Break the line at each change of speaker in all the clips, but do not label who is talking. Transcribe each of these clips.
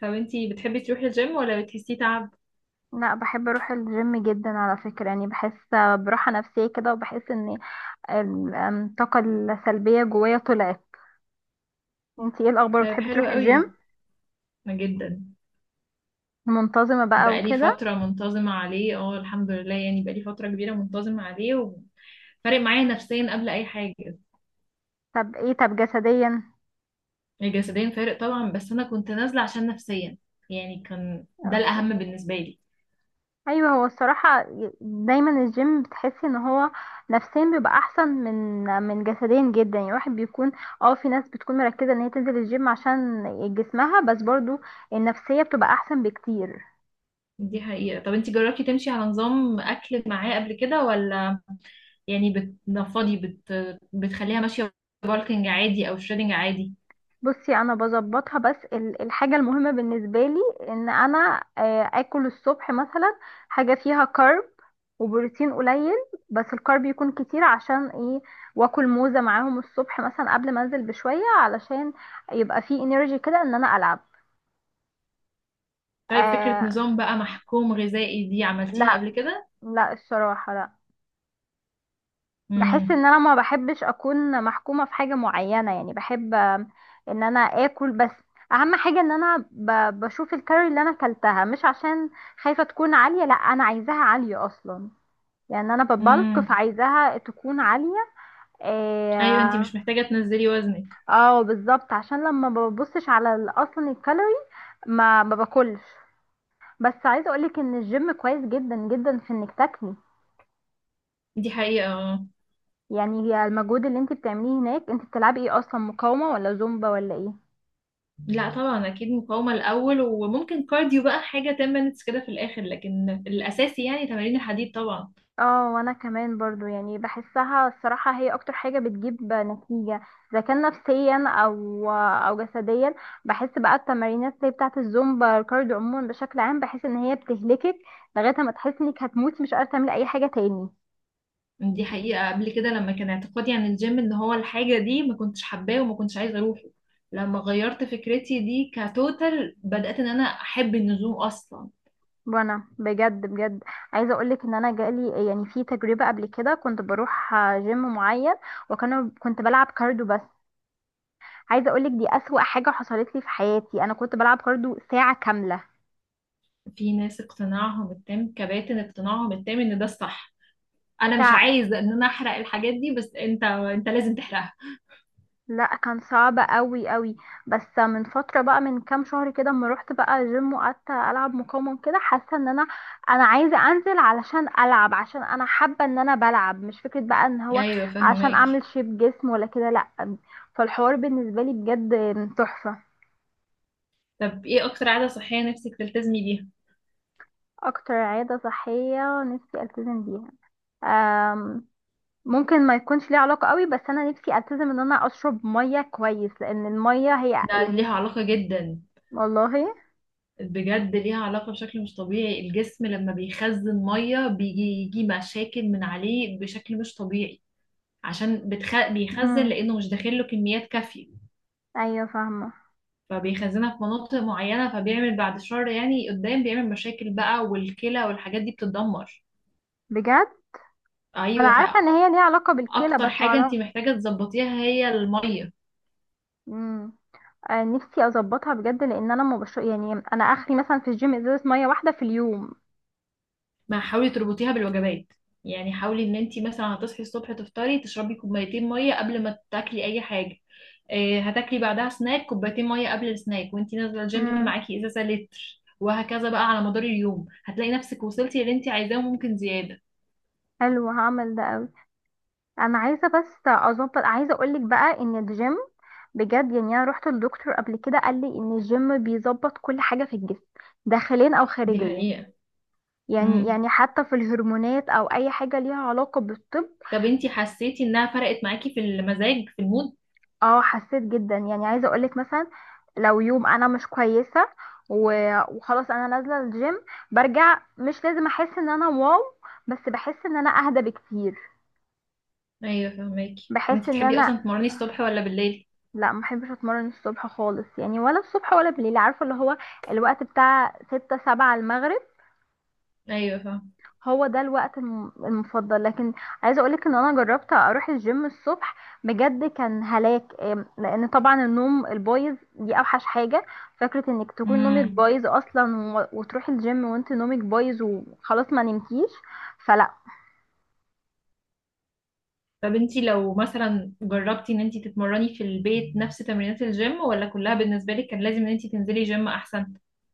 طب انتي بتحبي تروحي الجيم ولا بتحسيه تعب؟
لا، بحب اروح الجيم جدا على فكرة. يعني بحس براحة نفسية كده، وبحس ان ال- أم، الطاقة السلبية جوايا طلعت. انتي ايه الاخبار،
طيب،
بتحبي
حلو
تروحي
قوي،
الجيم؟
ما جدا.
منتظمة بقى
بقالي
وكده؟
فترة منتظمة عليه، اه الحمد لله. يعني بقالي فترة كبيرة منتظمة عليه، وفارق معايا نفسيا قبل أي حاجة.
طب جسديا؟
جسديا فارق طبعا، بس أنا كنت نازلة عشان نفسيا، يعني كان ده
اوكي.
الأهم بالنسبة لي.
ايوه، هو الصراحة دايما الجيم بتحسي ان هو نفسيا بيبقى احسن من جسديا جدا. يعني الواحد بيكون، اه، في ناس بتكون مركزة ان هي تنزل الجيم عشان جسمها، بس برضو النفسية بتبقى احسن بكتير.
دي حقيقة. طب انتي جربتي تمشي على نظام أكل معاه قبل كده ولا؟ يعني بتنفضي بتخليها ماشية بالكنج عادي أو شريدنج عادي؟
بصي، انا بظبطها، بس الحاجه المهمه بالنسبه لي ان انا، اكل الصبح مثلا حاجه فيها كارب وبروتين قليل، بس الكارب يكون كتير، عشان ايه؟ واكل موزه معاهم الصبح مثلا قبل ما انزل بشويه، علشان يبقى فيه انرجي كده ان انا العب.
طيب، فكرة
آه.
نظام بقى محكوم غذائي دي عملتيها
لا.
قبل كده؟
لا الصراحه، لا. بحس
مم.
ان انا ما بحبش اكون محكومة في حاجة معينة. يعني بحب ان انا اكل بس. اهم حاجة ان انا بشوف الكالوري اللي انا اكلتها، مش عشان خايفة تكون عالية، لا، انا عايزاها عالية اصلا. يعني انا ببلك،
امم.
فعايزاها تكون عالية.
ايوه انتي
اه.
مش محتاجه تنزلي وزنك.
آه، بالظبط، عشان لما ما ببصش على اصلا الكالوري ما باكلش. بس عايزة اقولك ان الجيم كويس جدا جدا في انك تاكلي.
دي حقيقه اه.
يعني هي المجهود اللي انت بتعمليه هناك، انت بتلعبي ايه اصلا، مقاومة ولا زومبا ولا ايه؟
لا طبعا، اكيد مقاومه الاول، وممكن كارديو بقى، حاجه 10 minutes كده في الاخر، لكن الاساسي يعني تمارين الحديد طبعا.
اه، وانا كمان برضو يعني بحسها الصراحة هي اكتر حاجة بتجيب نتيجة، اذا كان نفسيا او جسديا. بحس بقى التمارينات زي بتاعة الزومبا الكارديو عموما بشكل عام، بحس ان هي بتهلكك لغاية ما تحس انك هتموتي، مش قادرة تعملي اي حاجة تاني.
دي حقيقه. قبل كده لما كان اعتقادي عن الجيم ان هو الحاجه دي، ما كنتش حباه وما كنتش عايزه اروحه. لما غيرت فكرتي دي كتوتال بدات ان انا احب النزوم اصلا.
وانا بجد بجد عايزة اقولك ان انا جالي يعني في تجربة قبل كده، كنت بروح جيم معين وكانوا، كنت بلعب كارديو بس. عايزة اقولك دي اسوأ حاجة حصلت لي في حياتي، انا كنت بلعب كارديو ساعة كاملة.
في ناس اقتناعهم التام كباتن، اقتناعهم التام ان ده الصح. انا مش عايزه ان انا احرق الحاجات دي، بس انت لازم تحرقها.
لا، كان صعب قوي قوي. بس من فتره بقى، من كام شهر كده، اما رحت بقى جيم وقعدت العب مقاومه كده، حاسه ان انا، انا عايزه انزل علشان العب، عشان انا حابه ان انا بلعب، مش فكره بقى ان هو
ايوه
عشان اعمل
فهماكي.
شيب جسم ولا كده، لا. فالحوار بالنسبه لي بجد تحفه.
طب ايه اكتر عادة صحية نفسك تلتزمي بيها؟
اكتر عاده صحيه نفسي التزم بيها، أم، ممكن ما يكونش ليه علاقه قوي، بس انا نفسي التزم ان انا اشرب ميه كويس، لان الميه هي
ده
يعني.
ليها علاقة جدا.
والله.
بجد ليها علاقة بشكل مش طبيعي. الجسم لما بيخزن مية، بيجي مشاكل من عليه بشكل مش طبيعي، عشان بيخزن
امم.
لانه مش داخل له كميات كافية،
ايوه، فاهمه.
فبيخزنها في مناطق معينة، فبيعمل بعد شهر يعني قدام بيعمل مشاكل بقى، والكلى والحاجات دي بتتدمر.
بجد. انا
ايوه.
عارفه ان هي ليها علاقه بالكلى،
فاكتر
بس
حاجة انت
معرفه.
محتاجة تظبطيها هي المية.
امم. آه، نفسي اظبطها بجد، لان انا ما بشرب. يعني انا اخري مثلا في الجيم ازازه ميه واحده في اليوم.
ما حاولي تربطيها بالوجبات. يعني حاولي ان انت مثلا هتصحي الصبح تفطري، تشربي كوبايتين ميه قبل ما تاكلي اي حاجه. إيه، هتاكلي بعدها سناك، كوبايتين ميه قبل السناك. وانت نازله الجيم
امم.
معاكي ازازه لتر. وهكذا بقى على مدار اليوم هتلاقي نفسك وصلتي اللي انت عايزاه وممكن زياده.
حلو، هعمل ده قوي. انا عايزه بس اظبط. عايزه اقولك بقى ان الجيم بجد، يعني انا رحت للدكتور قبل كده، قال لي ان الجيم بيظبط كل حاجه في الجسم، داخليا او
دي
خارجيا.
حقيقة.
يعني
امم.
يعني حتى في الهرمونات او اي حاجه ليها علاقه بالطب.
طب انت حسيتي انها فرقت معاكي في المزاج في المود؟
اه، حسيت جدا. يعني عايزه اقولك مثلا، لو يوم انا مش كويسه وخلاص انا نازله الجيم، برجع مش لازم احس ان انا واو، بس بحس ان انا اهدى بكتير.
ايوه فهماكي.
بحس
انت
ان
بتحبي اصلا
انا،
تمرني الصبح ولا بالليل؟
لا، ما بحبش اتمرن الصبح خالص. يعني ولا الصبح ولا بالليل، عارفه اللي هو الوقت بتاع ستة سبعة المغرب،
ايوه فاهمه.
هو ده الوقت المفضل. لكن عايزه اقولك ان انا جربت اروح الجيم الصبح، بجد كان هلاك. لان طبعا النوم البايظ دي اوحش حاجه. فكره انك تكون نومك
امم.
بايظ اصلا، وتروحي الجيم وانت نومك بايظ وخلاص، ما نمتيش. فلا.
طب انتي لو مثلا جربتي ان انتي تتمرني في البيت نفس تمرينات الجيم، ولا كلها بالنسبة لك كان لازم ان انتي تنزلي جيم احسن؟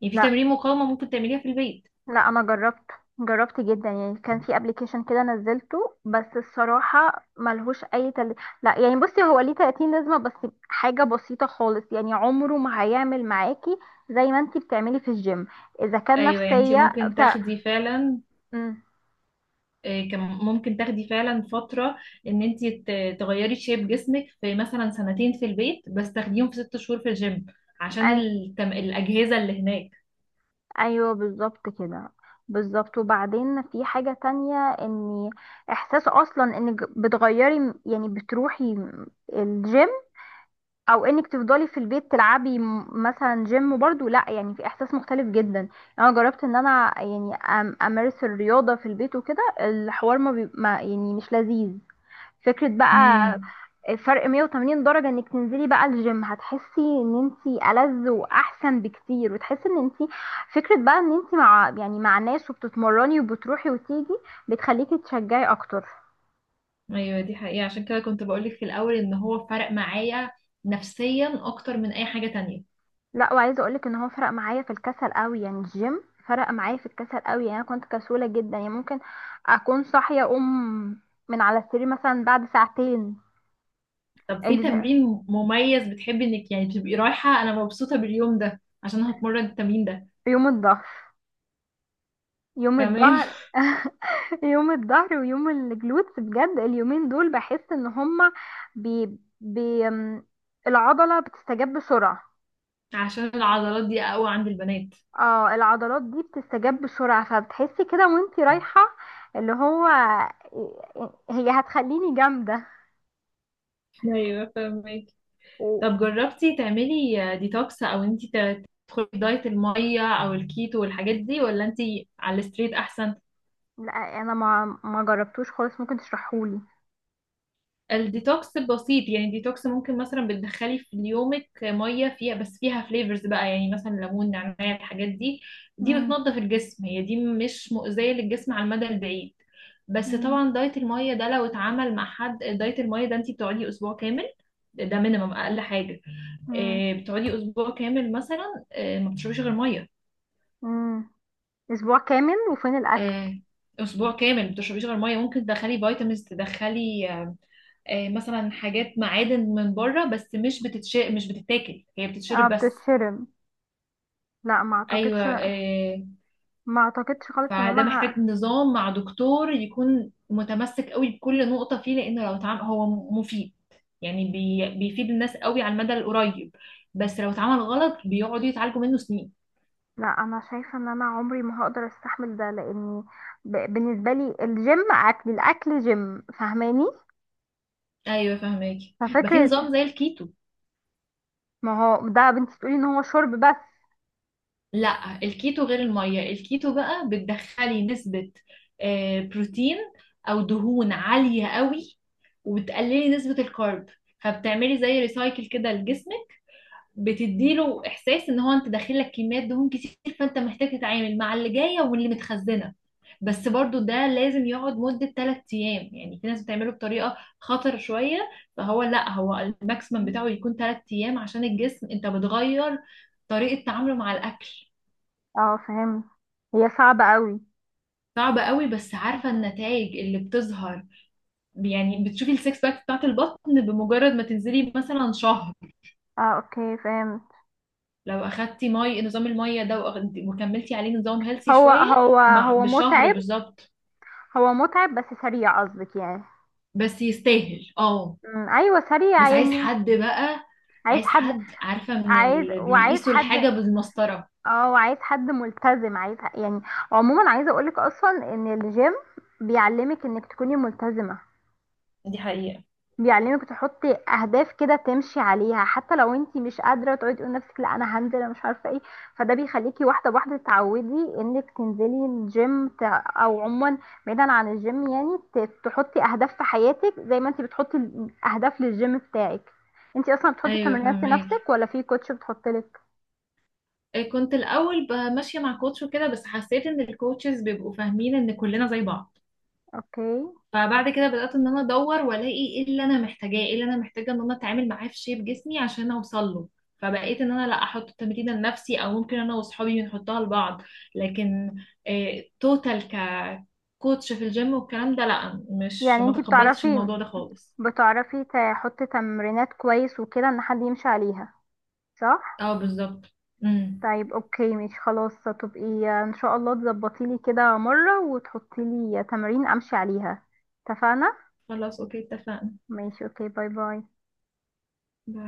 يعني في
لا،
تمرين مقاومة ممكن تعمليها في البيت.
لا، انا جربت. جربت جدا، يعني كان في ابلكيشن كده نزلته، بس الصراحه ملهوش اي لا يعني بصي، هو ليه 30 لازمه بس، حاجه بسيطه خالص، يعني عمره ما هيعمل معاكي زي ما انتي بتعملي في الجيم، اذا كان
ايوه. يعني انتي
نفسيه
ممكن
بتاع.
تاخدي فعلا،
مم.
ممكن تاخدي فعلا فترة ان انتي تغيري شيب جسمك في مثلا سنتين في البيت، بس تاخديهم في ست شهور في الجيم، عشان
أي...
الأجهزة اللي هناك.
ايوه بالظبط كده. بالظبط. وبعدين في حاجه تانية، ان احساس اصلا انك بتغيري، يعني بتروحي الجيم، او انك تفضلي في البيت تلعبي مثلا جيم برضو، لا يعني في احساس مختلف جدا. يعني انا جربت ان انا يعني امارس الرياضة في البيت وكده، الحوار ما يعني مش لذيذ فكرة بقى.
امم.
فرق 180 درجة انك تنزلي بقى الجيم، هتحسي ان انتي ألذ واحسن بكتير، وتحسي ان انتي فكرة بقى ان انتي مع يعني مع ناس وبتتمرني وبتروحي وتيجي، بتخليكي تشجعي اكتر.
ايوه دي حقيقة. عشان كده كنت بقولك في الأول ان هو فرق معايا نفسيا اكتر من اي حاجة تانية.
لا، وعايزه اقولك ان هو فرق معايا في الكسل قوي. يعني الجيم فرق معايا في الكسل قوي، يعني انا كنت كسوله جدا، يعني ممكن اكون صاحيه اقوم من على السرير مثلا بعد ساعتين.
طب في
الج...
تمرين مميز بتحبي انك يعني تبقي رايحة انا مبسوطة باليوم ده عشان هتمرن التمرين ده؟
يوم الظهر. يوم
تمام.
الظهر يوم الظهر ويوم الجلوتس، بجد اليومين دول بحس ان هما بي... بي... ام العضله بتستجاب بسرعه.
عشان العضلات دي اقوى عند البنات.
اه، العضلات دي بتستجاب بسرعه، فبتحسي كده وانتي رايحه اللي هو هي هتخليني جامده
ايوه فاهمك.
و...
طب جربتي تعملي ديتوكس، او انتي تدخلي في دايت المية او الكيتو والحاجات دي، ولا انتي على الستريت احسن؟
لا انا ما جربتوش خالص، ممكن تشرحهولي.
الديتوكس بسيط. يعني ديتوكس ممكن مثلا بتدخلي في يومك ميه فيها بس، فيها فليفرز بقى، يعني مثلا ليمون نعناع، الحاجات دي. دي
مم.
بتنظف الجسم، هي دي مش مؤذيه للجسم على المدى البعيد. بس
مم.
طبعا دايت الميه ده لو اتعمل مع حد، دايت الميه ده انت بتقعدي اسبوع كامل. ده مينيمم، اقل حاجه.
مم.
آه، بتقعدي اسبوع كامل مثلا، آه، ما بتشربيش غير ميه.
مم. اسبوع كامل وفين الاكل؟
آه، اسبوع كامل ما بتشربيش غير ميه. ممكن تدخلي فيتامينز، تدخلي آه، مثلا حاجات معادن من بره، بس مش بتتش، مش بتتاكل، هي
اه
بتتشرب بس.
بتتشرم. لا، ما
ايوه
اعتقدش.
آه.
ما اعتقدش خالص ان انا
فده محتاج نظام مع دكتور يكون متمسك قوي بكل نقطة فيه، لأنه لو اتعامل هو مفيد، يعني بيفيد الناس قوي على المدى القريب، بس لو اتعمل غلط بيقعدوا يتعالجوا منه سنين.
لا انا شايفه ان انا عمري ما هقدر استحمل ده، لاني بالنسبه لي الجيم اكل، الاكل جيم، فاهماني؟
ايوه فهماكي. ما في
ففكره.
نظام زي الكيتو.
ما هو ده يا بنتي تقولي ان هو شرب بس.
لا، الكيتو غير المية. الكيتو بقى بتدخلي نسبة آه، بروتين او دهون عالية قوي، وبتقللي نسبة الكارب، فبتعملي زي ريسايكل كده لجسمك، بتديله احساس ان هو انت داخل لك كميات دهون كتير، فانت محتاج تتعامل مع اللي جاية واللي متخزنة. بس برضو ده لازم يقعد مدة 3 ايام، يعني في ناس بتعمله بطريقة خطر شوية. فهو لا، هو الماكسيمم بتاعه يكون 3 ايام، عشان الجسم انت بتغير طريقة تعامله مع الاكل.
اه فهمت. هي صعبه قوي.
صعبة قوي، بس عارفة النتائج اللي بتظهر؟ يعني بتشوفي السكس باك بتاعت البطن بمجرد ما تنزلي مثلا شهر،
اه اوكي فهمت.
لو أخدتي نظام المية ده وكملتي عليه نظام هيلثي
هو
شوية،
هو
مع
هو
بشهر
متعب.
بالظبط.
هو متعب، بس سريع قصدك يعني.
بس يستاهل، اه.
ايوه سريع
بس عايز
يعني.
حد بقى.
عايز
عايز
حد.
حد عارفة، من
عايز،
اللي
وعايز
بيقيسوا
حد.
الحاجة بالمسطرة.
اه، وعايز حد ملتزم، عايز يعني. عموما عايزه اقولك اصلا ان الجيم بيعلمك انك تكوني ملتزمه.
دي حقيقة.
بيعلمك تحطي اهداف كده تمشي عليها، حتى لو انت مش قادره، تقعدي تقولي لنفسك لا انا هنزل، انا مش عارفه ايه. فده بيخليكي واحده بواحده تعودي انك تنزلي الجيم او عموما، بعيدا عن الجيم يعني تحطي اهداف في حياتك، زي ما انت بتحطي اهداف للجيم بتاعك. انت اصلا بتحطي
ايوه
تمرينات لنفسك
فهماكي.
ولا في كوتش بتحطلك؟
إيه، كنت الاول ماشيه مع كوتش وكده، بس حسيت ان الكوتشز بيبقوا فاهمين ان كلنا زي بعض.
اوكي.
فبعد كده بدأت ان انا ادور والاقي ايه اللي انا محتاجاه، ايه اللي انا محتاجه ان انا اتعامل معاه في شيب جسمي عشان اوصل له. فبقيت ان انا لا، احط التمرين لنفسي، او ممكن انا واصحابي بنحطها لبعض. لكن إيه، توتال ككوتش في الجيم والكلام ده، لا، مش
يعني
ما
انت
تقبلتش
بتعرفي،
الموضوع ده خالص.
بتعرفي تحطي تمرينات كويس وكده ان حد يمشي عليها، صح؟
اه بالظبط. امم.
طيب اوكي، مش خلاص، هتبقي ان شاء الله تظبطي لي كده مرة وتحطي لي تمارين امشي عليها، اتفقنا؟
خلاص اوكي اتفقنا.
ماشي، اوكي، باي باي.